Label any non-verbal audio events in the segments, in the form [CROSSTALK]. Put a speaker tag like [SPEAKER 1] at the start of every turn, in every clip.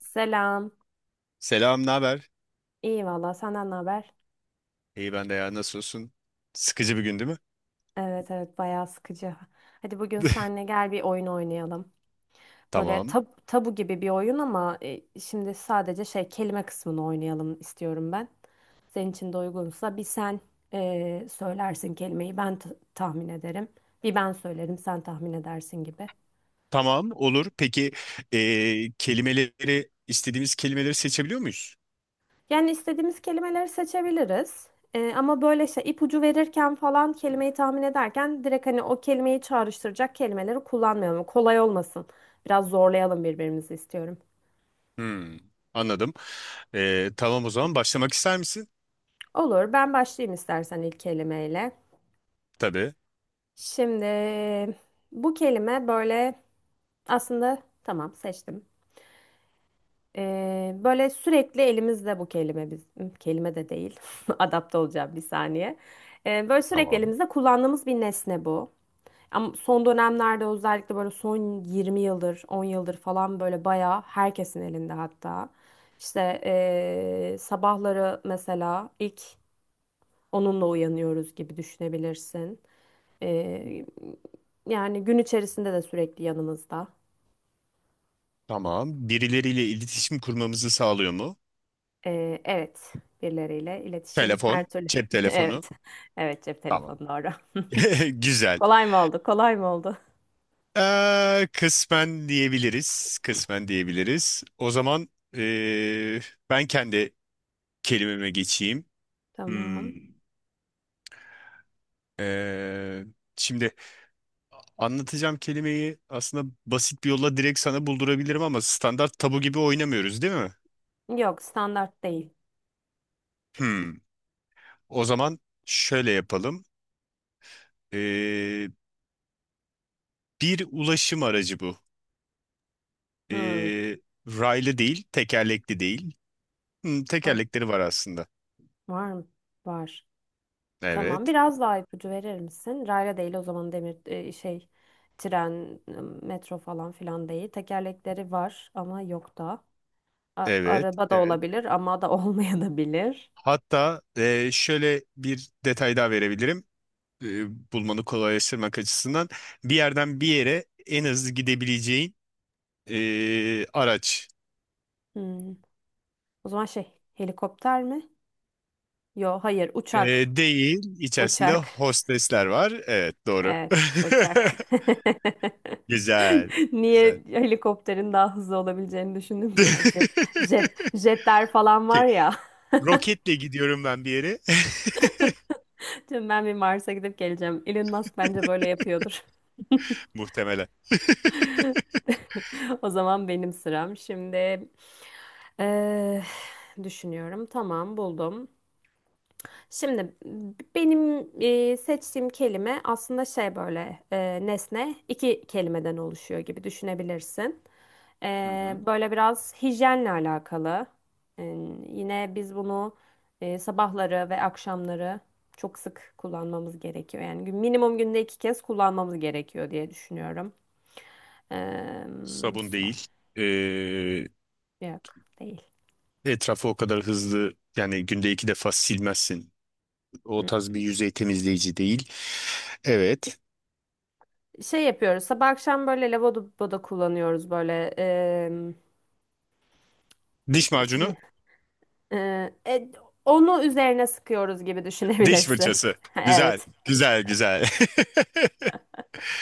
[SPEAKER 1] Selam.
[SPEAKER 2] Selam, ne haber?
[SPEAKER 1] İyi valla senden ne haber?
[SPEAKER 2] İyi ben de ya, nasılsın? Sıkıcı bir gün değil mi?
[SPEAKER 1] Evet evet bayağı sıkıcı. Hadi bugün
[SPEAKER 2] [LAUGHS]
[SPEAKER 1] seninle gel bir oyun oynayalım. Böyle
[SPEAKER 2] Tamam.
[SPEAKER 1] tabu gibi bir oyun ama şimdi sadece şey kelime kısmını oynayalım istiyorum ben. Senin için de uygunsa bir sen söylersin kelimeyi, ben tahmin ederim. Bir ben söylerim, sen tahmin edersin gibi.
[SPEAKER 2] Tamam, olur. Peki kelimeleri, istediğimiz kelimeleri seçebiliyor muyuz?
[SPEAKER 1] Yani istediğimiz kelimeleri seçebiliriz. Ama böyle şey ipucu verirken falan, kelimeyi tahmin ederken direkt hani o kelimeyi çağrıştıracak kelimeleri kullanmayalım. Kolay olmasın. Biraz zorlayalım birbirimizi istiyorum.
[SPEAKER 2] Hmm, anladım. Tamam o zaman başlamak ister misin?
[SPEAKER 1] Olur, ben başlayayım istersen ilk kelimeyle.
[SPEAKER 2] Tabii.
[SPEAKER 1] Şimdi bu kelime böyle, aslında, tamam, seçtim. Böyle sürekli elimizde bu kelime, biz kelime de değil. [LAUGHS] Adapte olacağım bir saniye. Böyle sürekli
[SPEAKER 2] Tamam.
[SPEAKER 1] elimizde kullandığımız bir nesne bu. Ama son dönemlerde, özellikle böyle son 20 yıldır, 10 yıldır falan, böyle bayağı herkesin elinde hatta. İşte sabahları mesela ilk onunla uyanıyoruz gibi düşünebilirsin. Eee, yani gün içerisinde de sürekli yanımızda.
[SPEAKER 2] Tamam. Birileriyle iletişim kurmamızı sağlıyor mu?
[SPEAKER 1] Evet, birileriyle iletişim her
[SPEAKER 2] Telefon,
[SPEAKER 1] türlü.
[SPEAKER 2] cep
[SPEAKER 1] [LAUGHS]
[SPEAKER 2] telefonu.
[SPEAKER 1] Evet, evet, cep
[SPEAKER 2] Tamam.
[SPEAKER 1] telefonu doğru.
[SPEAKER 2] [LAUGHS]
[SPEAKER 1] [LAUGHS]
[SPEAKER 2] Güzel.
[SPEAKER 1] Kolay mı oldu? Kolay mı oldu?
[SPEAKER 2] Kısmen diyebiliriz. Kısmen diyebiliriz. O zaman ben kendi kelimeme geçeyim.
[SPEAKER 1] Tamam.
[SPEAKER 2] Hmm. Ee, Şimdi anlatacağım kelimeyi aslında basit bir yolla direkt sana buldurabilirim ama standart tabu gibi oynamıyoruz değil mi?
[SPEAKER 1] Yok, standart değil.
[SPEAKER 2] Hmm. O zaman şöyle yapalım. Ee, Bir ulaşım aracı bu.
[SPEAKER 1] Hmm.
[SPEAKER 2] Ee, Raylı değil, tekerlekli değil. Hmm,
[SPEAKER 1] Ah,
[SPEAKER 2] tekerlekleri var aslında.
[SPEAKER 1] var mı? Var. Tamam.
[SPEAKER 2] Evet,
[SPEAKER 1] Biraz daha ipucu verir misin? Rayla değil o zaman, demir şey, tren, metro falan filan değil. Tekerlekleri var ama yok da.
[SPEAKER 2] evet,
[SPEAKER 1] Araba da
[SPEAKER 2] evet.
[SPEAKER 1] olabilir ama da [LAUGHS] olmayabilir.
[SPEAKER 2] Hatta şöyle bir detay daha verebilirim. Bulmanı kolaylaştırmak açısından bir yerden bir yere en hızlı gidebileceğin araç.
[SPEAKER 1] Hmm. O zaman şey, helikopter mi? Yo hayır,
[SPEAKER 2] E,
[SPEAKER 1] uçak.
[SPEAKER 2] değil, içerisinde
[SPEAKER 1] Uçak.
[SPEAKER 2] hostesler var. Evet, doğru.
[SPEAKER 1] Evet, uçak.
[SPEAKER 2] [LAUGHS]
[SPEAKER 1] [LAUGHS]
[SPEAKER 2] Güzel, güzel.
[SPEAKER 1] Niye helikopterin daha hızlı olabileceğini düşündüm ki? Jet, jet,
[SPEAKER 2] [LAUGHS]
[SPEAKER 1] jetler falan var
[SPEAKER 2] Okey,
[SPEAKER 1] ya. [LAUGHS]
[SPEAKER 2] roketle gidiyorum ben bir yere. [LAUGHS]
[SPEAKER 1] Şimdi ben bir Mars'a gidip geleceğim. Elon Musk bence böyle yapıyordur. [LAUGHS]
[SPEAKER 2] Muhtemelen. [LAUGHS]
[SPEAKER 1] O zaman benim sıram. Şimdi eh, düşünüyorum. Tamam, buldum. Şimdi benim seçtiğim kelime aslında şey, böyle nesne, iki kelimeden oluşuyor gibi düşünebilirsin.
[SPEAKER 2] Hı hı.
[SPEAKER 1] Böyle biraz hijyenle alakalı. E, Yine biz bunu sabahları ve akşamları çok sık kullanmamız gerekiyor. Yani minimum günde iki kez kullanmamız gerekiyor diye düşünüyorum. E,
[SPEAKER 2] Sabun
[SPEAKER 1] son-
[SPEAKER 2] değil. Ee,
[SPEAKER 1] yok değil.
[SPEAKER 2] Etrafı o kadar hızlı yani günde iki defa silmezsin. O
[SPEAKER 1] Hı.
[SPEAKER 2] tarz bir yüzey temizleyici değil. Evet.
[SPEAKER 1] Şey yapıyoruz, sabah akşam böyle lavaboda kullanıyoruz böyle.
[SPEAKER 2] Diş macunu.
[SPEAKER 1] Şimdi Ee, e, onu üzerine sıkıyoruz gibi
[SPEAKER 2] Diş
[SPEAKER 1] düşünebilirsin. [LAUGHS]
[SPEAKER 2] fırçası. Güzel.
[SPEAKER 1] Evet.
[SPEAKER 2] Güzel, güzel. [LAUGHS]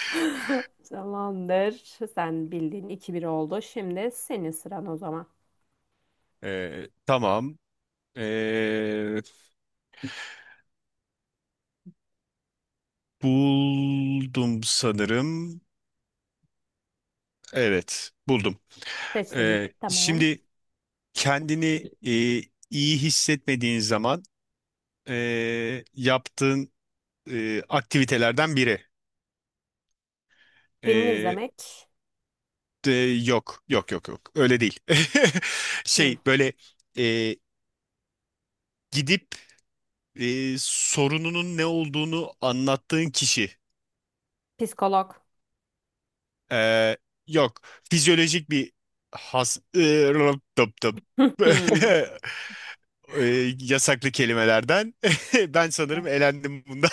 [SPEAKER 1] [LAUGHS] Tamamdır. Sen bildiğin 2-1 oldu. Şimdi senin sıran o zaman.
[SPEAKER 2] Tamam. Ee, Buldum sanırım. Evet, buldum.
[SPEAKER 1] Seçtin mi? Tamam.
[SPEAKER 2] Şimdi kendini e, iyi hissetmediğin zaman yaptığın aktivitelerden biri.
[SPEAKER 1] Film
[SPEAKER 2] Ee,
[SPEAKER 1] izlemek.
[SPEAKER 2] de, Yok, yok, yok, yok. Öyle değil. [LAUGHS]
[SPEAKER 1] Hı.
[SPEAKER 2] Şey, böyle e, gidip sorununun ne olduğunu anlattığın kişi.
[SPEAKER 1] Psikolog.
[SPEAKER 2] Ee, Yok. Fizyolojik bir has... Ee, tıp, tıp.
[SPEAKER 1] [LAUGHS] Hı.
[SPEAKER 2] [LAUGHS] Yasaklı kelimelerden. [LAUGHS] Ben sanırım
[SPEAKER 1] Evet.
[SPEAKER 2] elendim bunda.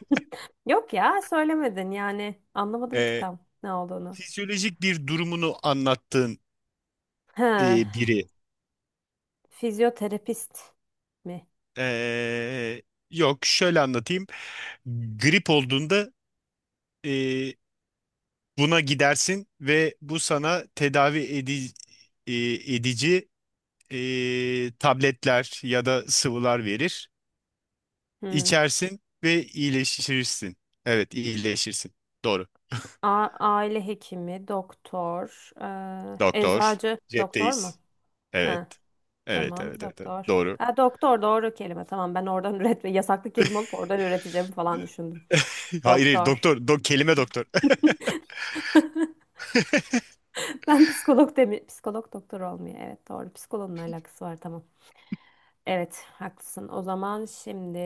[SPEAKER 1] [LAUGHS] Yok ya, söylemedin yani. Anlamadım ki
[SPEAKER 2] Ee,
[SPEAKER 1] tam ne olduğunu.
[SPEAKER 2] Fizyolojik bir durumunu anlattığın
[SPEAKER 1] Ha,
[SPEAKER 2] biri.
[SPEAKER 1] fizyoterapist mi?
[SPEAKER 2] Ee, Yok, şöyle anlatayım. Grip olduğunda ee, buna gidersin ve bu sana edici tabletler ya da sıvılar verir.
[SPEAKER 1] Hı.
[SPEAKER 2] İçersin ve iyileşirsin. Evet, iyileşirsin. Doğru.
[SPEAKER 1] Aile hekimi, doktor,
[SPEAKER 2] Doktor.
[SPEAKER 1] eczacı, doktor mu?
[SPEAKER 2] Cepteyiz. Evet.
[SPEAKER 1] Ha.
[SPEAKER 2] Evet,
[SPEAKER 1] Tamam,
[SPEAKER 2] evet, evet, evet.
[SPEAKER 1] doktor.
[SPEAKER 2] Doğru.
[SPEAKER 1] Ha, doktor doğru kelime. Tamam, ben oradan [LAUGHS] üretme, yasaklı kelime olup oradan üreteceğim falan düşündüm.
[SPEAKER 2] [LAUGHS] Hayır, hayır.
[SPEAKER 1] Doktor. [LAUGHS]
[SPEAKER 2] Kelime doktor.
[SPEAKER 1] Ben psikolog demi, psikolog doktor olmuyor. Evet, doğru. Psikoloğun alakası var, tamam. Evet, haklısın. O zaman şimdi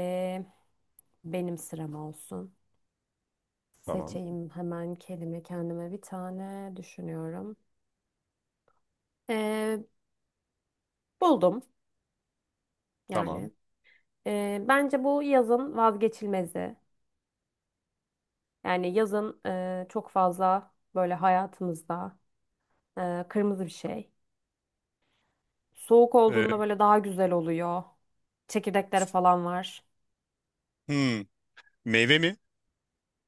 [SPEAKER 1] benim sıram olsun.
[SPEAKER 2] [LAUGHS] Tamam.
[SPEAKER 1] Seçeyim hemen kelime, kendime bir tane düşünüyorum. Ee, Buldum yani.
[SPEAKER 2] Tamam.
[SPEAKER 1] Bence bu yazın vazgeçilmezi. Yani yazın çok fazla böyle hayatımızda. Kırmızı bir şey. Soğuk
[SPEAKER 2] Ee,
[SPEAKER 1] olduğunda böyle daha güzel oluyor. Çekirdekleri falan var.
[SPEAKER 2] hmm, meyve mi?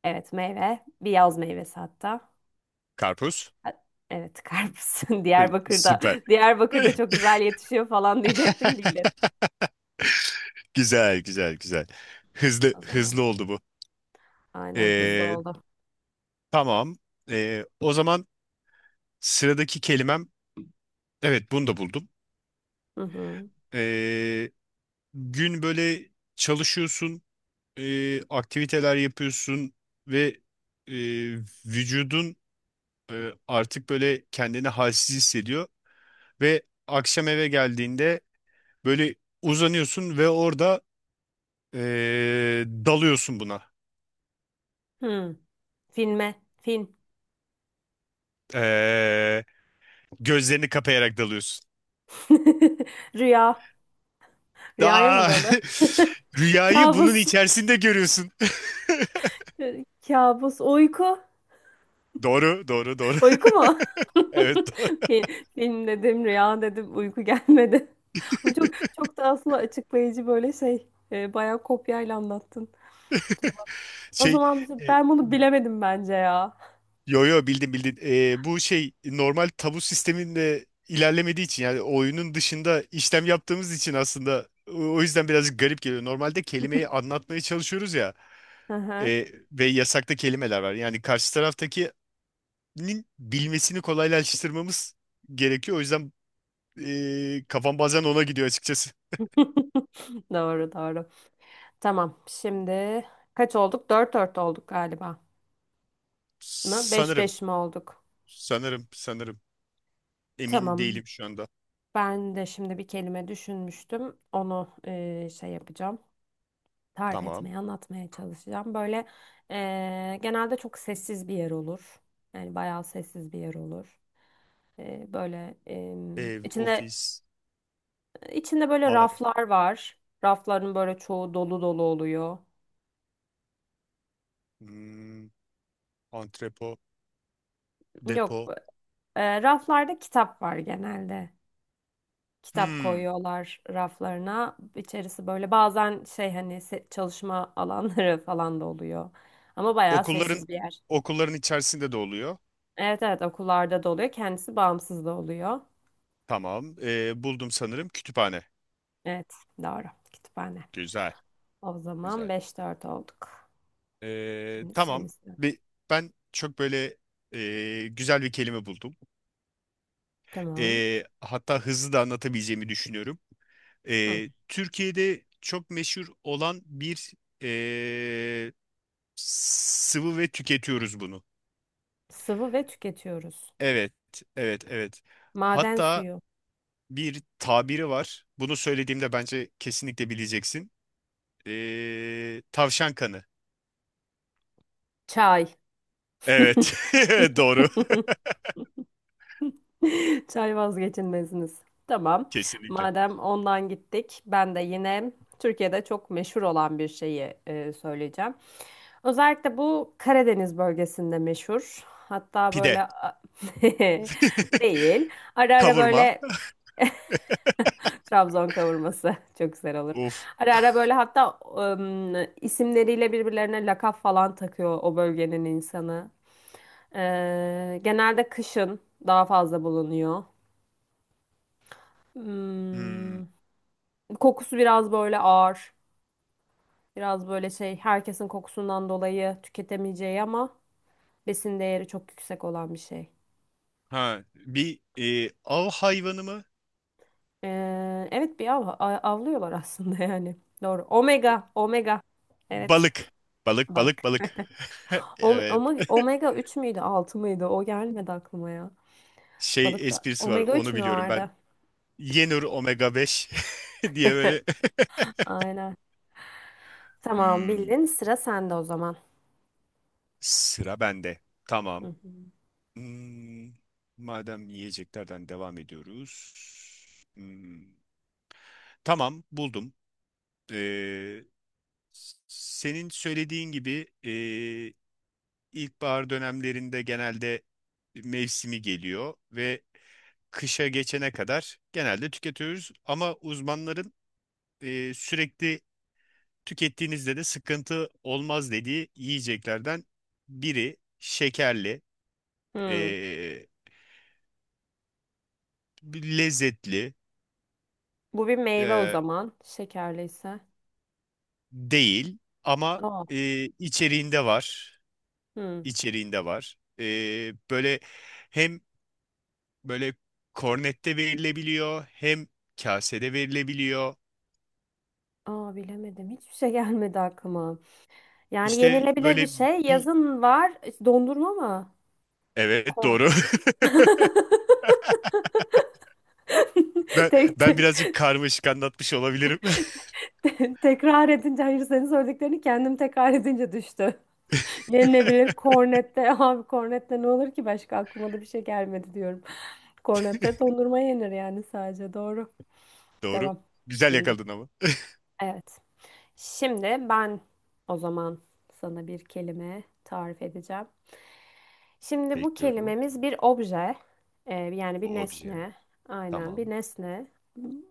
[SPEAKER 1] Evet, meyve. Bir yaz meyvesi hatta.
[SPEAKER 2] Karpuz.
[SPEAKER 1] Ha- Evet, karpuz. [LAUGHS]
[SPEAKER 2] [LAUGHS]
[SPEAKER 1] Diyarbakır'da.
[SPEAKER 2] Süper.
[SPEAKER 1] Diyarbakır'da çok
[SPEAKER 2] [LAUGHS]
[SPEAKER 1] güzel yetişiyor falan diyecektim. Bildim
[SPEAKER 2] Güzel, güzel, güzel. Hızlı,
[SPEAKER 1] o zaman.
[SPEAKER 2] hızlı oldu bu.
[SPEAKER 1] Aynen, hızlı
[SPEAKER 2] Ee,
[SPEAKER 1] ol.
[SPEAKER 2] tamam. O zaman sıradaki kelimem. Evet, bunu da buldum.
[SPEAKER 1] Hı hı.
[SPEAKER 2] Ee, Gün böyle çalışıyorsun. Aktiviteler yapıyorsun ve e, vücudun artık böyle kendini halsiz hissediyor ve akşam eve geldiğinde böyle uzanıyorsun ve orada dalıyorsun buna.
[SPEAKER 1] Hı. Filme. Film.
[SPEAKER 2] E, gözlerini kapayarak dalıyorsun.
[SPEAKER 1] [LAUGHS] Rüya. Rüyaya mı
[SPEAKER 2] Aa,
[SPEAKER 1] dalı?
[SPEAKER 2] [LAUGHS]
[SPEAKER 1] [LAUGHS]
[SPEAKER 2] rüyayı bunun
[SPEAKER 1] Kabus.
[SPEAKER 2] içerisinde görüyorsun. [LAUGHS]
[SPEAKER 1] Kabus. Uyku.
[SPEAKER 2] Doğru, doğru, doğru.
[SPEAKER 1] Uyku mu? [LAUGHS]
[SPEAKER 2] [LAUGHS] Evet, doğru.
[SPEAKER 1] Fi- Film dedim, rüya dedim, uyku gelmedi. [LAUGHS] Ama çok çok da aslında açıklayıcı böyle şey, bayağı kopyayla anlattın. Tamam. O
[SPEAKER 2] Şey,
[SPEAKER 1] zaman
[SPEAKER 2] e,
[SPEAKER 1] ben bunu bilemedim bence ya.
[SPEAKER 2] Yo yo, bildim, bildim. Bu şey normal tabu sisteminde ilerlemediği için yani oyunun dışında işlem yaptığımız için aslında o yüzden birazcık garip geliyor. Normalde kelimeyi anlatmaya çalışıyoruz ya
[SPEAKER 1] Hı hı.
[SPEAKER 2] ve yasakta kelimeler var. Yani karşı taraftakinin bilmesini kolaylaştırmamız gerekiyor. O yüzden kafam bazen ona gidiyor açıkçası.
[SPEAKER 1] [LAUGHS] Doğru, doğru. Tamam. Şimdi kaç olduk? 4-4 olduk galiba. Mı? Beş
[SPEAKER 2] Sanırım,
[SPEAKER 1] beş mi olduk?
[SPEAKER 2] sanırım, sanırım. Emin
[SPEAKER 1] Tamam.
[SPEAKER 2] değilim şu anda.
[SPEAKER 1] Ben de şimdi bir kelime düşünmüştüm. Onu şey yapacağım, tarif
[SPEAKER 2] Tamam.
[SPEAKER 1] etmeye, anlatmaya çalışacağım. Böyle genelde çok sessiz bir yer olur. Yani bayağı sessiz bir yer olur. Böyle em,
[SPEAKER 2] Ev,
[SPEAKER 1] içinde
[SPEAKER 2] ofis,
[SPEAKER 1] içinde böyle
[SPEAKER 2] mağara,
[SPEAKER 1] raflar var. Rafların böyle çoğu dolu dolu oluyor.
[SPEAKER 2] hmm, antrepo,
[SPEAKER 1] Yok,
[SPEAKER 2] depo.
[SPEAKER 1] raflarda kitap var genelde. Kitap
[SPEAKER 2] Hmm.
[SPEAKER 1] koyuyorlar raflarına. İçerisi böyle bazen şey, hani çalışma alanları [LAUGHS] falan da oluyor. Ama bayağı
[SPEAKER 2] Okulların
[SPEAKER 1] sessiz bir yer.
[SPEAKER 2] okulların içerisinde de oluyor.
[SPEAKER 1] Evet evet, okullarda da oluyor. Kendisi bağımsız da oluyor.
[SPEAKER 2] Tamam. Buldum sanırım, kütüphane.
[SPEAKER 1] Evet, doğru. Kütüphane.
[SPEAKER 2] Güzel,
[SPEAKER 1] O zaman
[SPEAKER 2] güzel.
[SPEAKER 1] 5-4 olduk. Şimdi senin
[SPEAKER 2] Tamam.
[SPEAKER 1] sıran.
[SPEAKER 2] Bir, ben çok böyle güzel bir kelime buldum.
[SPEAKER 1] Tamam.
[SPEAKER 2] Hatta hızlı da anlatabileceğimi düşünüyorum.
[SPEAKER 1] Hı.
[SPEAKER 2] Türkiye'de çok meşhur olan bir e, sıvı ve tüketiyoruz bunu.
[SPEAKER 1] Sıvı ve tüketiyoruz.
[SPEAKER 2] Evet, evet, evet.
[SPEAKER 1] Maden
[SPEAKER 2] Hatta
[SPEAKER 1] suyu.
[SPEAKER 2] bir tabiri var. Bunu söylediğimde bence kesinlikle bileceksin. Tavşan kanı.
[SPEAKER 1] Çay.
[SPEAKER 2] Evet.
[SPEAKER 1] [LAUGHS]
[SPEAKER 2] [LAUGHS] Doğru.
[SPEAKER 1] Çay vazgeçilmeziniz. Tamam.
[SPEAKER 2] Kesinlikle.
[SPEAKER 1] Madem ondan gittik, ben de yine Türkiye'de çok meşhur olan bir şeyi söyleyeceğim. Özellikle bu Karadeniz bölgesinde meşhur. Hatta
[SPEAKER 2] Pide.
[SPEAKER 1] böyle [LAUGHS]
[SPEAKER 2] [LAUGHS]
[SPEAKER 1] değil. Ara ara
[SPEAKER 2] Kavurma.
[SPEAKER 1] böyle Trabzon kavurması [LAUGHS] çok güzel olur.
[SPEAKER 2] Of.
[SPEAKER 1] Ara ara böyle hatta isimleriyle birbirlerine lakap falan takıyor o bölgenin insanı. Genelde kışın daha fazla bulunuyor.
[SPEAKER 2] Hmm.
[SPEAKER 1] Hmm, Kokusu biraz böyle ağır. Biraz böyle şey, herkesin kokusundan dolayı tüketemeyeceği ama besin değeri çok yüksek olan bir şey.
[SPEAKER 2] Ha, bir av hayvanı mı?
[SPEAKER 1] Evet, bir avlıyorlar aslında [LAUGHS] yani. Doğru. Omega, omega. Evet.
[SPEAKER 2] Balık. Balık,
[SPEAKER 1] Balık.
[SPEAKER 2] balık, balık. [LAUGHS] Evet.
[SPEAKER 1] Omega 3 müydü, 6 mıydı? O gelmedi aklıma ya.
[SPEAKER 2] Şey
[SPEAKER 1] Balıkta
[SPEAKER 2] esprisi var.
[SPEAKER 1] omega 3
[SPEAKER 2] Onu
[SPEAKER 1] mü
[SPEAKER 2] biliyorum ben.
[SPEAKER 1] vardı?
[SPEAKER 2] Yenur omega 5 [LAUGHS] diye böyle. [LAUGHS]
[SPEAKER 1] Aynen. Tamam,
[SPEAKER 2] Hmm.
[SPEAKER 1] bildin. Sıra sende o zaman.
[SPEAKER 2] Sıra bende.
[SPEAKER 1] Hı
[SPEAKER 2] Tamam.
[SPEAKER 1] hı.
[SPEAKER 2] Hmm. Madem yiyeceklerden devam ediyoruz. Hmm. Tamam, buldum. Ee, Senin söylediğin gibi ilkbahar dönemlerinde genelde mevsimi geliyor ve kışa geçene kadar genelde tüketiyoruz. Ama uzmanların sürekli tükettiğinizde de sıkıntı olmaz dediği yiyeceklerden biri şekerli,
[SPEAKER 1] Hmm.
[SPEAKER 2] eee, lezzetli
[SPEAKER 1] Bu bir meyve o
[SPEAKER 2] eee,
[SPEAKER 1] zaman. Şekerliyse.
[SPEAKER 2] değil ama
[SPEAKER 1] Aa.
[SPEAKER 2] içeriğinde var,
[SPEAKER 1] Hmm.
[SPEAKER 2] içeriğinde var. Böyle hem böyle kornette verilebiliyor hem kasede verilebiliyor.
[SPEAKER 1] Aa, bilemedim. Hiçbir şey [LAUGHS] gelmedi aklıma. Yani
[SPEAKER 2] İşte
[SPEAKER 1] yenilebilir bir
[SPEAKER 2] böyle
[SPEAKER 1] şey.
[SPEAKER 2] bir
[SPEAKER 1] Yazın var. Dondurma mı?
[SPEAKER 2] evet
[SPEAKER 1] Ko.
[SPEAKER 2] doğru. [LAUGHS]
[SPEAKER 1] [LAUGHS]
[SPEAKER 2] Ben
[SPEAKER 1] Tek
[SPEAKER 2] ben
[SPEAKER 1] te-
[SPEAKER 2] birazcık karmaşık anlatmış olabilirim.
[SPEAKER 1] tekrar edince, hayır, senin söylediklerini kendim tekrar edince düştü. [LAUGHS]
[SPEAKER 2] [LAUGHS]
[SPEAKER 1] Yenilebilir, kornette. Abi kornette ne olur ki, başka aklıma da bir şey gelmedi diyorum. Kornette dondurma yenir yani sadece. Doğru.
[SPEAKER 2] Doğru.
[SPEAKER 1] Devam.
[SPEAKER 2] Güzel
[SPEAKER 1] Bildik.
[SPEAKER 2] yakaladın ama.
[SPEAKER 1] Evet. Şimdi ben o zaman sana bir kelime tarif edeceğim. Şimdi bu
[SPEAKER 2] Bekliyorum.
[SPEAKER 1] kelimemiz bir obje. Yani
[SPEAKER 2] O
[SPEAKER 1] bir
[SPEAKER 2] obje.
[SPEAKER 1] nesne. Aynen, bir
[SPEAKER 2] Tamam.
[SPEAKER 1] nesne.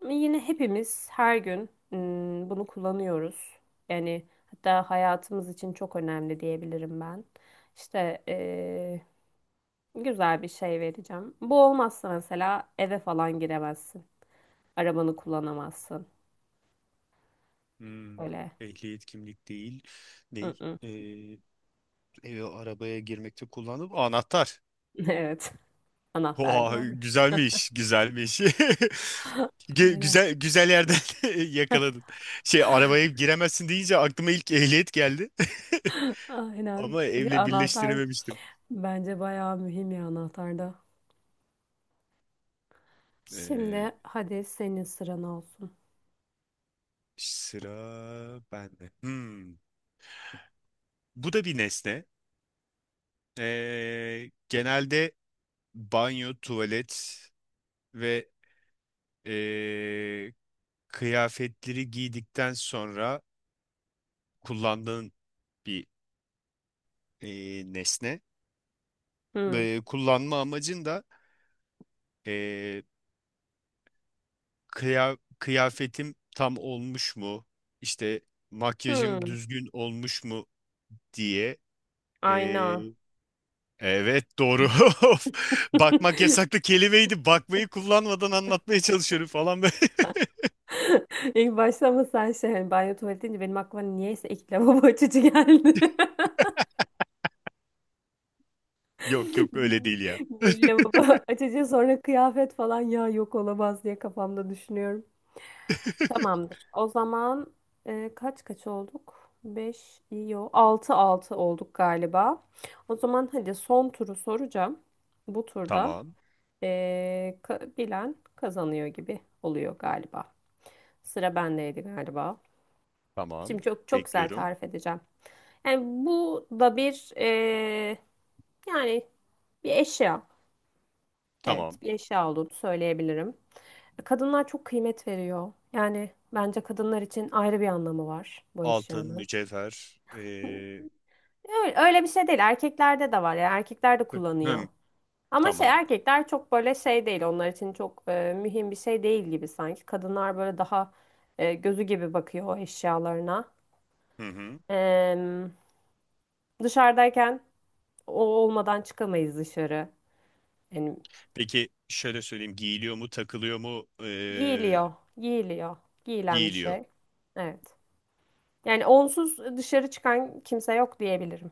[SPEAKER 1] Yine hepimiz her gün bunu kullanıyoruz. Yani hatta hayatımız için çok önemli diyebilirim ben. İşte güzel bir şey vereceğim. Bu olmazsa mesela eve falan giremezsin. Arabanı kullanamazsın.
[SPEAKER 2] Hmm,
[SPEAKER 1] Öyle.
[SPEAKER 2] ehliyet, kimlik değil. Ney?
[SPEAKER 1] Mm-mm.
[SPEAKER 2] Eve, arabaya girmekte kullandım. Anahtar.
[SPEAKER 1] [LAUGHS] Evet. Anahtar
[SPEAKER 2] Oha,
[SPEAKER 1] doğru.
[SPEAKER 2] güzelmiş, güzelmiş.
[SPEAKER 1] [LAUGHS]
[SPEAKER 2] [LAUGHS]
[SPEAKER 1] Aynen.
[SPEAKER 2] Güzel, güzel yerden [LAUGHS] yakaladın. Şey, arabaya giremezsin deyince aklıma ilk ehliyet geldi.
[SPEAKER 1] [LAUGHS]
[SPEAKER 2] [LAUGHS]
[SPEAKER 1] Aynen.
[SPEAKER 2] Ama evle
[SPEAKER 1] Anahtar
[SPEAKER 2] birleştirememiştim.
[SPEAKER 1] bence bayağı mühim ya, anahtarda. Şimdi
[SPEAKER 2] Ee,
[SPEAKER 1] hadi senin sıran olsun.
[SPEAKER 2] Sıra bende. Hmm. Bu da bir nesne. Genelde banyo, tuvalet ve ee, kıyafetleri giydikten sonra kullandığın bir nesne.
[SPEAKER 1] Hmm.
[SPEAKER 2] Kullanma amacın da Ee, kıyafetim tam olmuş mu? İşte, makyajım
[SPEAKER 1] Hmm.
[SPEAKER 2] düzgün olmuş mu diye. Ee,
[SPEAKER 1] Ayna.
[SPEAKER 2] evet doğru. [LAUGHS] Of, bakmak
[SPEAKER 1] [LAUGHS]
[SPEAKER 2] yasaklı kelimeydi. Bakmayı kullanmadan anlatmaya çalışıyorum falan ben. [LAUGHS]
[SPEAKER 1] İlk başta mı sen şey, hani banyo tuvalet deyince benim aklıma niyeyse ilk lavabo açıcı geldi. [LAUGHS]
[SPEAKER 2] Yok yok, öyle değil ya.
[SPEAKER 1] Bir
[SPEAKER 2] [LAUGHS]
[SPEAKER 1] lavabo açıcı, sonra kıyafet falan, ya yok, olamaz, diye kafamda düşünüyorum. Tamamdır. O zaman kaç kaç olduk? 5, yo, 6-6 olduk galiba. O zaman hadi son turu soracağım. Bu turda
[SPEAKER 2] Tamam.
[SPEAKER 1] e, bilen kazanıyor gibi oluyor galiba. Sıra bendeydi galiba.
[SPEAKER 2] Tamam.
[SPEAKER 1] Şimdi çok çok güzel
[SPEAKER 2] Bekliyorum.
[SPEAKER 1] tarif edeceğim. Yani bu da bir yani bir eşya.
[SPEAKER 2] Tamam.
[SPEAKER 1] Evet, bir eşya olduğunu söyleyebilirim. Kadınlar çok kıymet veriyor. Yani bence kadınlar için ayrı bir anlamı var bu
[SPEAKER 2] Altın,
[SPEAKER 1] eşyanın.
[SPEAKER 2] mücevher.
[SPEAKER 1] [LAUGHS] Öyle, öyle bir şey değil. Erkeklerde de var. Yani erkekler de kullanıyor.
[SPEAKER 2] Hım,
[SPEAKER 1] Ama şey,
[SPEAKER 2] tamam.
[SPEAKER 1] erkekler çok böyle şey değil. Onlar için çok mühim bir şey değil gibi sanki. Kadınlar böyle daha gözü gibi bakıyor o eşyalarına.
[SPEAKER 2] Hı hı.
[SPEAKER 1] Em, Dışarıdayken o olmadan çıkamayız dışarı. Yani
[SPEAKER 2] Peki şöyle söyleyeyim. Giyiliyor mu, takılıyor mu?
[SPEAKER 1] giyiliyor, giyiliyor, giyilen bir
[SPEAKER 2] Giyiliyor.
[SPEAKER 1] şey. Evet. Yani onsuz dışarı çıkan kimse yok diyebilirim.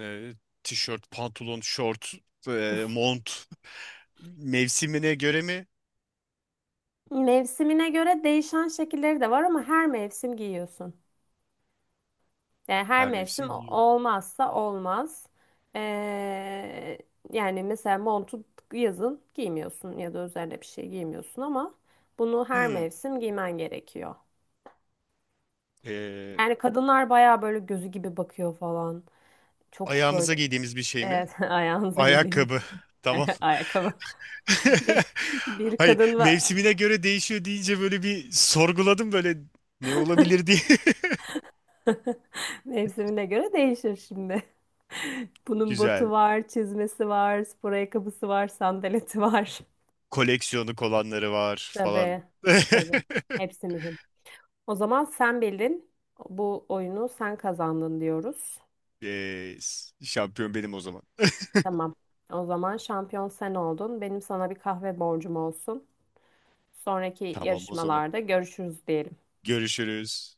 [SPEAKER 2] e, Tişört, pantolon, şort, mont, mevsimine göre mi?
[SPEAKER 1] Mevsimine göre değişen şekilleri de var ama her mevsim giyiyorsun. Yani her
[SPEAKER 2] Her mevsim
[SPEAKER 1] mevsim
[SPEAKER 2] giyiyor.
[SPEAKER 1] olmazsa olmaz. Ee, Yani mesela montu yazın giymiyorsun ya da üzerine bir şey giymiyorsun ama bunu her
[SPEAKER 2] Hmm.
[SPEAKER 1] mevsim giymen gerekiyor.
[SPEAKER 2] E,
[SPEAKER 1] Yani kadınlar bayağı böyle gözü gibi bakıyor falan. Çok böyle,
[SPEAKER 2] ayağımıza giydiğimiz bir şey mi?
[SPEAKER 1] evet, [LAUGHS] ayağınıza giydiğiniz
[SPEAKER 2] Ayakkabı. [LAUGHS] Tamam.
[SPEAKER 1] [LAUGHS] ayakkabı.
[SPEAKER 2] [LAUGHS]
[SPEAKER 1] Bir, bir
[SPEAKER 2] Hayır,
[SPEAKER 1] kadın var.
[SPEAKER 2] mevsimine göre değişiyor deyince böyle bir sorguladım, böyle ne olabilir diye. [LAUGHS]
[SPEAKER 1] [LAUGHS] Mevsimine göre değişir şimdi. [LAUGHS] Bunun botu
[SPEAKER 2] Güzel.
[SPEAKER 1] var, çizmesi var, spor ayakkabısı var, sandaleti var.
[SPEAKER 2] Koleksiyonu olanları var falan.
[SPEAKER 1] Tabii, tabii.
[SPEAKER 2] [LAUGHS]
[SPEAKER 1] Hepsi mühim. O zaman sen bildin. Bu oyunu sen kazandın diyoruz.
[SPEAKER 2] E, şampiyon benim o zaman.
[SPEAKER 1] Tamam. O zaman şampiyon sen oldun. Benim sana bir kahve borcum olsun. Sonraki
[SPEAKER 2] Tamam o zaman.
[SPEAKER 1] yarışmalarda görüşürüz diyelim.
[SPEAKER 2] Görüşürüz.